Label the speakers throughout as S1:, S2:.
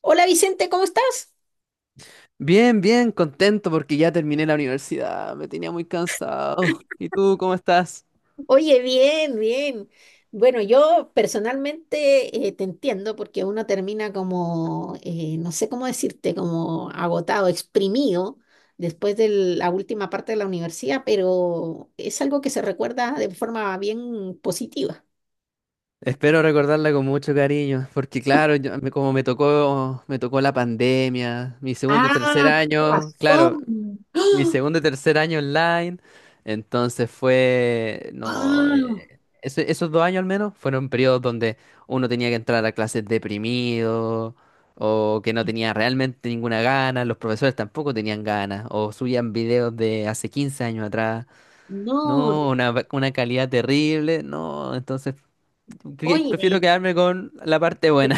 S1: Hola Vicente, ¿cómo estás?
S2: Bien, bien, contento porque ya terminé la universidad, me tenía muy cansado. ¿Y tú cómo estás?
S1: Oye, bien, bien. Bueno, yo personalmente te entiendo porque uno termina como, no sé cómo decirte, como agotado, exprimido después de la última parte de la universidad, pero es algo que se recuerda de forma bien positiva.
S2: Espero recordarla con mucho cariño, porque claro, como me tocó la pandemia, mi segundo y
S1: Ah,
S2: tercer
S1: tienes
S2: año, claro,
S1: razón.
S2: mi
S1: ¡Ah!
S2: segundo y tercer año online. entonces fue, no,
S1: ¡Ah!
S2: eh, ese- esos dos años al menos fueron periodos donde uno tenía que entrar a clases deprimido o que no tenía realmente ninguna gana. Los profesores tampoco tenían ganas o subían videos de hace 15 años atrás,
S1: No,
S2: no, una, una calidad terrible, no, entonces
S1: oye.
S2: prefiero quedarme con la parte buena.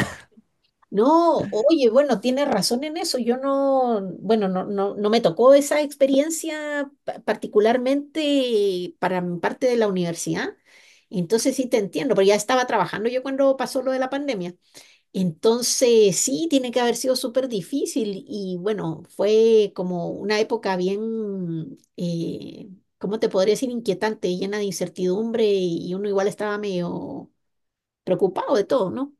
S1: No, oye, bueno, tienes razón en eso. Yo no, bueno, no, no, no me tocó esa experiencia particularmente para mi parte de la universidad. Entonces sí te entiendo, pero ya estaba trabajando yo cuando pasó lo de la pandemia. Entonces sí, tiene que haber sido súper difícil y bueno, fue como una época bien, ¿cómo te podría decir? Inquietante, llena de incertidumbre y uno igual estaba medio preocupado de todo, ¿no?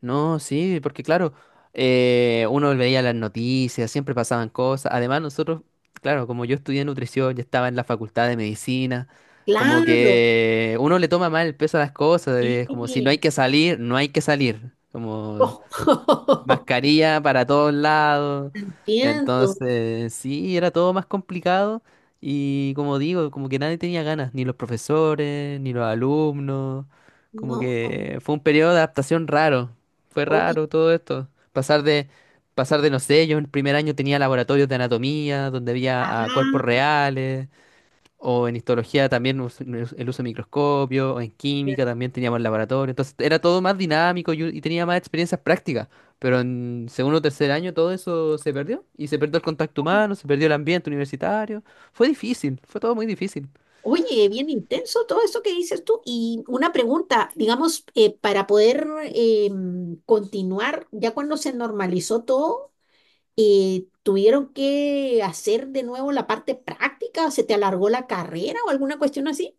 S2: No, sí, porque claro, uno veía las noticias, siempre pasaban cosas. Además, nosotros, claro, como yo estudié nutrición, ya estaba en la facultad de medicina, como
S1: Claro.
S2: que uno le toma mal el peso a las cosas,
S1: Sí.
S2: es como si no hay que salir, no hay que salir. Como mascarilla para todos lados.
S1: Entiendo.
S2: Entonces, sí, era todo más complicado y como digo, como que nadie tenía ganas, ni los profesores, ni los alumnos, como
S1: No,
S2: que fue un periodo de adaptación raro, fue
S1: oye.
S2: raro todo esto, pasar de, no sé, yo en el primer año tenía laboratorios de anatomía, donde
S1: Ah,
S2: había ah, cuerpos reales, o en histología también el uso de microscopio, o en
S1: ya.
S2: química también teníamos el laboratorio. Entonces era todo más dinámico y tenía más experiencias prácticas. Pero en segundo o tercer año todo eso se perdió. Y se perdió el contacto humano, se perdió el ambiente universitario. Fue difícil, fue todo muy difícil.
S1: Oye, bien intenso todo eso que dices tú. Y una pregunta, digamos, para poder continuar, ya cuando se normalizó todo, ¿tuvieron que hacer de nuevo la parte práctica? ¿Se te alargó la carrera o alguna cuestión así?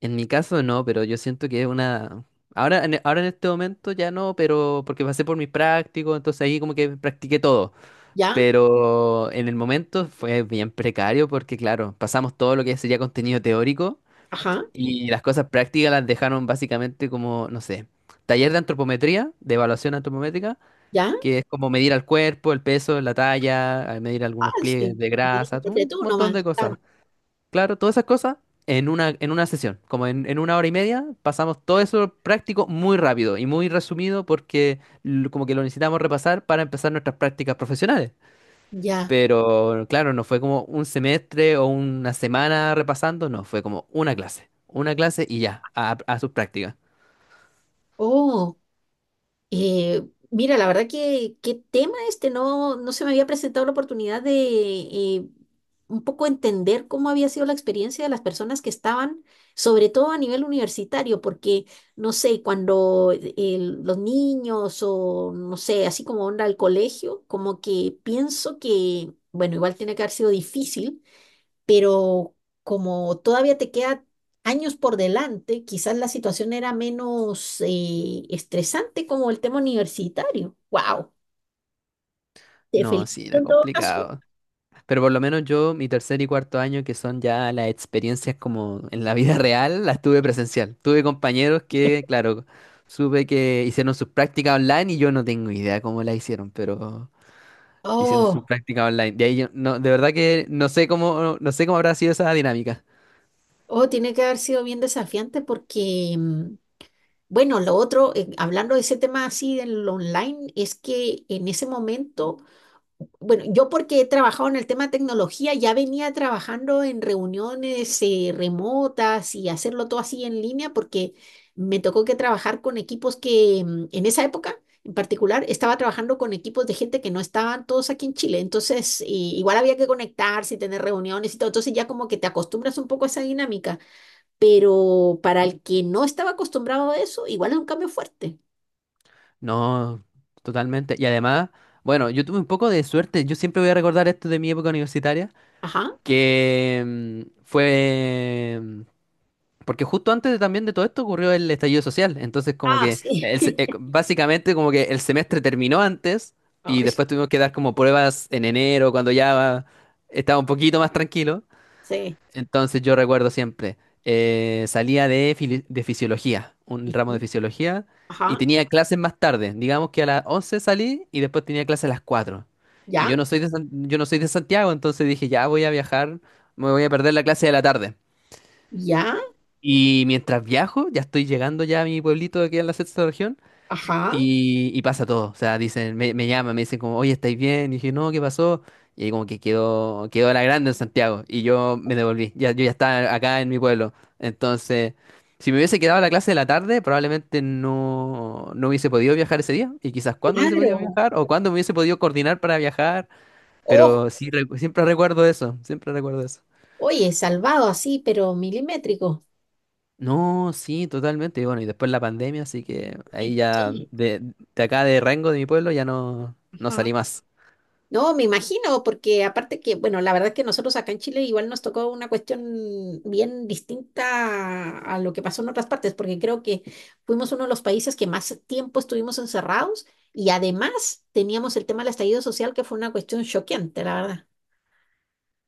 S2: En mi caso no, pero yo siento que es una... Ahora en este momento ya no, pero porque pasé por mi práctico, entonces ahí como que practiqué todo.
S1: ¿Ya?
S2: Pero en el momento fue bien precario porque, claro, pasamos todo lo que sería contenido teórico.
S1: Ajá,
S2: Y las cosas prácticas las dejaron básicamente como, no sé, taller de antropometría, de evaluación antropométrica,
S1: ¿ya?
S2: que es como medir al cuerpo, el peso, la talla, al medir algunos
S1: Ah,
S2: pliegues
S1: sí.
S2: de grasa,
S1: Dígate
S2: un
S1: tú
S2: montón de
S1: nomás, claro.
S2: cosas. Claro, todas esas cosas en una sesión, como en 1 hora y media, pasamos todo eso práctico muy rápido y muy resumido porque como que lo necesitamos repasar para empezar nuestras prácticas profesionales.
S1: Ya.
S2: Pero claro, no fue como un semestre o una semana repasando, no, fue como una clase y ya, a sus prácticas.
S1: Oh. Eh, mira, la verdad que qué tema este, no, no se me había presentado la oportunidad de un poco entender cómo había sido la experiencia de las personas que estaban, sobre todo a nivel universitario, porque, no sé, cuando los niños o, no sé, así como onda al colegio, como que pienso que, bueno, igual tiene que haber sido difícil pero como todavía te queda años por delante, quizás la situación era menos estresante como el tema universitario. ¡Wow! Te
S2: No, sí,
S1: felicito
S2: era
S1: en todo caso.
S2: complicado. Pero por lo menos yo, mi tercer y cuarto año, que son ya las experiencias como en la vida real, las tuve presencial. Tuve compañeros que, claro, supe que hicieron sus prácticas online y yo no tengo idea cómo las hicieron, pero hicieron sus
S1: Oh,
S2: prácticas online. De ahí yo, no, de verdad que no sé cómo, no sé cómo habrá sido esa dinámica.
S1: oh, tiene que haber sido bien desafiante porque, bueno, lo otro, hablando de ese tema así del online, es que en ese momento bueno, yo porque he trabajado en el tema de tecnología, ya venía trabajando en reuniones remotas y hacerlo todo así en línea porque me tocó que trabajar con equipos que en esa época en particular estaba trabajando con equipos de gente que no estaban todos aquí en Chile. Entonces, igual había que conectarse y tener reuniones y todo. Entonces ya como que te acostumbras un poco a esa dinámica, pero para el que no estaba acostumbrado a eso, igual es un cambio fuerte.
S2: No, totalmente. Y además, bueno, yo tuve un poco de suerte. Yo siempre voy a recordar esto de mi época universitaria,
S1: Ajá.
S2: que porque justo también de todo esto ocurrió el estallido social. Entonces, como
S1: Ah,
S2: que
S1: sí.
S2: básicamente como que el semestre terminó antes y
S1: Ay,
S2: después tuvimos que dar como pruebas en enero, cuando ya estaba un poquito más tranquilo.
S1: sí.
S2: Entonces yo recuerdo siempre, salía de, de fisiología, un ramo de
S1: Ujú.
S2: fisiología, y
S1: Ajá.
S2: tenía clases más tarde. Digamos que a las 11 salí y después tenía clases a las 4. Y yo
S1: ¿Ya?
S2: no soy de, yo no soy de Santiago, entonces dije, ya voy a viajar, me voy a perder la clase de la tarde.
S1: Ya,
S2: Y mientras viajo, ya estoy llegando ya a mi pueblito que queda en la sexta región,
S1: ajá.
S2: y pasa todo, o sea, dicen, me llaman, me dicen como, oye, ¿estáis bien? Y dije, no, ¿qué pasó? Y ahí como que quedó la grande en Santiago, y yo me devolví, ya, yo ya estaba acá en mi pueblo. Entonces, si me hubiese quedado la clase de la tarde, probablemente no, no hubiese podido viajar ese día, y quizás cuándo hubiese podido
S1: Claro.
S2: viajar, o cuándo me hubiese podido coordinar para viajar,
S1: Oh,
S2: pero sí, siempre recuerdo eso, siempre recuerdo eso.
S1: oye, salvado así, pero milimétrico.
S2: No, sí, totalmente, y bueno, y después la pandemia, así que ahí
S1: Sí,
S2: ya,
S1: sí,
S2: de acá de Rengo, de mi pueblo, ya no, no
S1: ajá.
S2: salí más.
S1: No, me imagino, porque aparte que, bueno, la verdad es que nosotros acá en Chile igual nos tocó una cuestión bien distinta a lo que pasó en otras partes, porque creo que fuimos uno de los países que más tiempo estuvimos encerrados y además teníamos el tema del estallido social, que fue una cuestión choqueante, la verdad.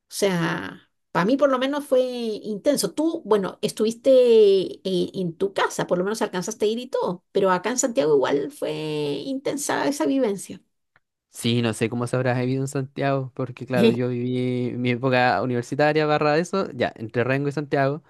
S1: O sea, para mí por lo menos fue intenso. Tú, bueno, estuviste en tu casa, por lo menos alcanzaste a ir y todo, pero acá en Santiago igual fue intensa esa vivencia.
S2: Sí, no sé cómo se habrá vivido en Santiago, porque claro, yo viví mi época universitaria barra eso, ya, entre Rengo y Santiago,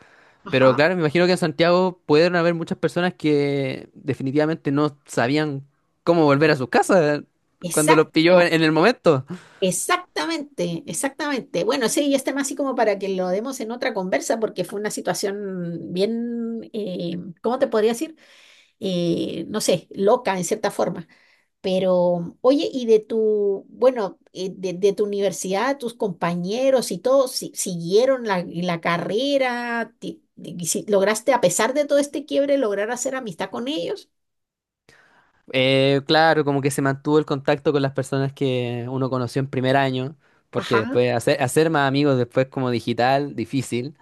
S2: pero
S1: Ajá.
S2: claro, me imagino que en Santiago pudieron haber muchas personas que definitivamente no sabían cómo volver a sus casas cuando los pilló
S1: Exacto,
S2: en el momento.
S1: exactamente, exactamente. Bueno, sí, este más así como para que lo demos en otra conversa, porque fue una situación bien, ¿cómo te podría decir? No sé, loca en cierta forma. Pero, oye, y de tu, bueno, de tu universidad, tus compañeros y todos siguieron la, la carrera, y si, lograste, a pesar de todo este quiebre, lograr hacer amistad con ellos.
S2: Claro, como que se mantuvo el contacto con las personas que uno conoció en primer año, porque
S1: Ajá.
S2: después hacer más amigos después como digital, difícil.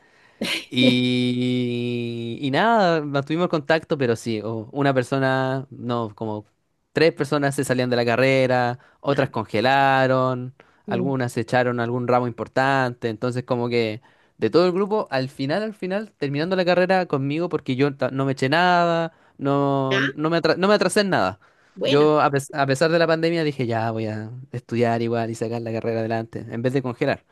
S2: Y nada, mantuvimos contacto, pero sí, una persona, no, como 3 personas se salían de la carrera,
S1: Ya,
S2: otras congelaron,
S1: mm,
S2: algunas se echaron algún ramo importante, entonces como que de todo el grupo, al final, terminando la carrera conmigo, porque no me eché nada,
S1: ya,
S2: no, no no me atrasé en nada.
S1: bueno,
S2: Yo, a pesar de la pandemia, dije, ya voy a estudiar igual y sacar la carrera adelante, en vez de congelar.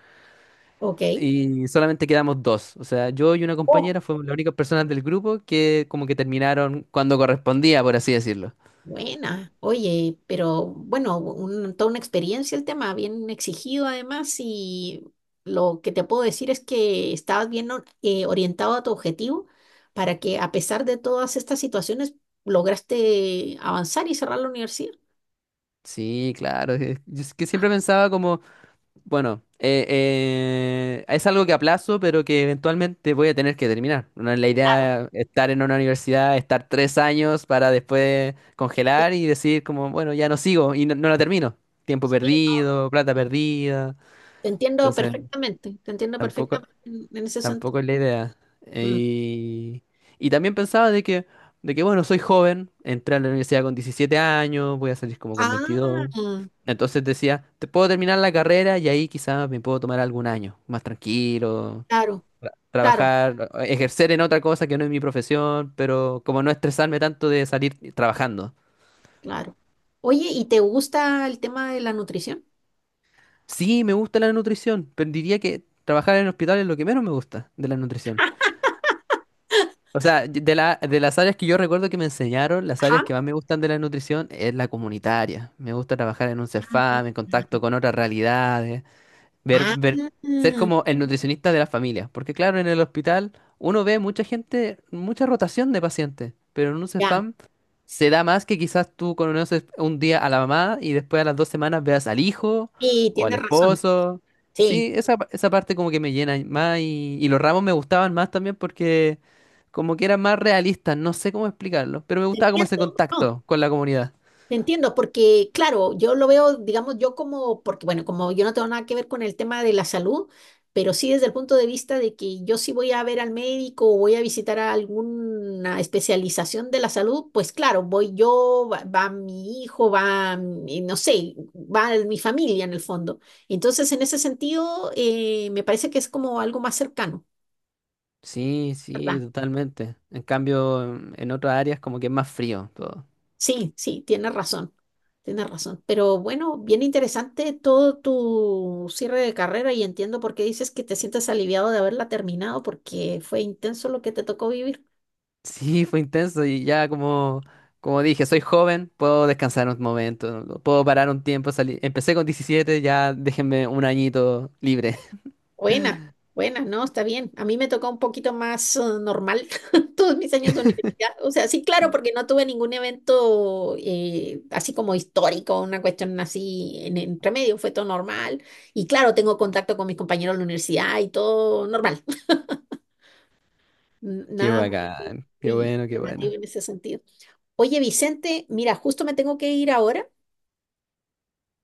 S1: ok.
S2: Y solamente quedamos dos. O sea, yo y una compañera fuimos las únicas personas del grupo que como que terminaron cuando correspondía, por así decirlo.
S1: Buena, oye, pero bueno, toda una experiencia el tema, bien exigido además y lo que te puedo decir es que estabas bien orientado a tu objetivo para que a pesar de todas estas situaciones lograste avanzar y cerrar la universidad.
S2: Sí, claro. Yo es que siempre pensaba como, bueno, es algo que aplazo, pero que eventualmente voy a tener que terminar. No es la idea estar en una universidad, estar 3 años para después
S1: Sí,
S2: congelar y decir como, bueno, ya no sigo y no, no la termino. Tiempo
S1: sí, no,
S2: perdido, plata perdida. Entonces,
S1: te entiendo
S2: tampoco.
S1: perfectamente en ese sentido.
S2: Tampoco es la idea.
S1: Mm.
S2: Y, y también pensaba de que, bueno, soy joven, entré a la universidad con 17 años, voy a salir como con
S1: Ah,
S2: 22. Entonces decía, te puedo terminar la carrera y ahí quizás me puedo tomar algún año, más tranquilo,
S1: claro, claro,
S2: trabajar, ejercer en otra cosa que no es mi profesión, pero como no estresarme tanto de salir trabajando.
S1: claro. Oye, ¿y te gusta el tema de la nutrición?
S2: Sí, me gusta la nutrición, pero diría que trabajar en hospital es lo que menos me gusta de la nutrición. O sea, de las áreas que yo recuerdo que me enseñaron, las
S1: Ajá.
S2: áreas que más me gustan de la nutrición es la comunitaria. Me gusta trabajar en un CEFAM, en contacto con otras realidades.
S1: Ah,
S2: Ver, ser como el nutricionista de la familia. Porque claro, en el hospital uno ve mucha gente, mucha rotación de pacientes, pero en un
S1: ya,
S2: Cefam se da más que quizás tú conoces un día a la mamá y después a las 2 semanas veas al hijo
S1: sí,
S2: o al
S1: tienes razón.
S2: esposo.
S1: Sí,
S2: Sí, esa, esa parte como que me llena más y los ramos me gustaban más también porque como que eran más realistas, no sé cómo explicarlo, pero me
S1: te
S2: gustaba como ese
S1: entiendo, no,
S2: contacto con la comunidad.
S1: te entiendo, porque claro, yo lo veo, digamos, yo como, porque bueno, como yo no tengo nada que ver con el tema de la salud, pero sí desde el punto de vista de que yo sí voy a ver al médico o voy a visitar a alguna especialización de la salud, pues claro, voy yo, va, va mi hijo, va, no sé, va mi familia en el fondo. Entonces, en ese sentido, me parece que es como algo más cercano,
S2: Sí, sí,
S1: ¿verdad?
S2: totalmente. En cambio, en otras áreas como que es más frío todo.
S1: Sí, sí, tienes razón, tienes razón. Pero bueno, bien interesante todo tu cierre de carrera y entiendo por qué dices que te sientes aliviado de haberla terminado porque fue intenso lo que te tocó vivir.
S2: Sí, fue intenso y ya como, como dije, soy joven, puedo descansar un momento, puedo parar un tiempo, salir. Empecé con 17 ya déjenme un añito libre.
S1: Buena, buena, no, está bien. A mí me tocó un poquito más normal todos mis años de universidad. O sea, sí, claro, porque no tuve ningún evento así como histórico, una cuestión así en entre medio, fue todo normal. Y claro, tengo contacto con mis compañeros de la universidad y todo normal.
S2: Qué
S1: Nada muy,
S2: bacán, qué
S1: muy
S2: bueno, qué
S1: llamativo
S2: bueno.
S1: en ese sentido. Oye, Vicente, mira, justo me tengo que ir ahora,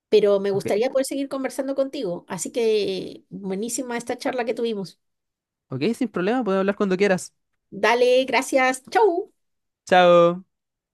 S1: pero me
S2: Ok,
S1: gustaría poder seguir conversando contigo. Así que buenísima esta charla que tuvimos.
S2: ok, sin problema, puedo hablar cuando quieras.
S1: Dale, gracias. Chau.
S2: Chao.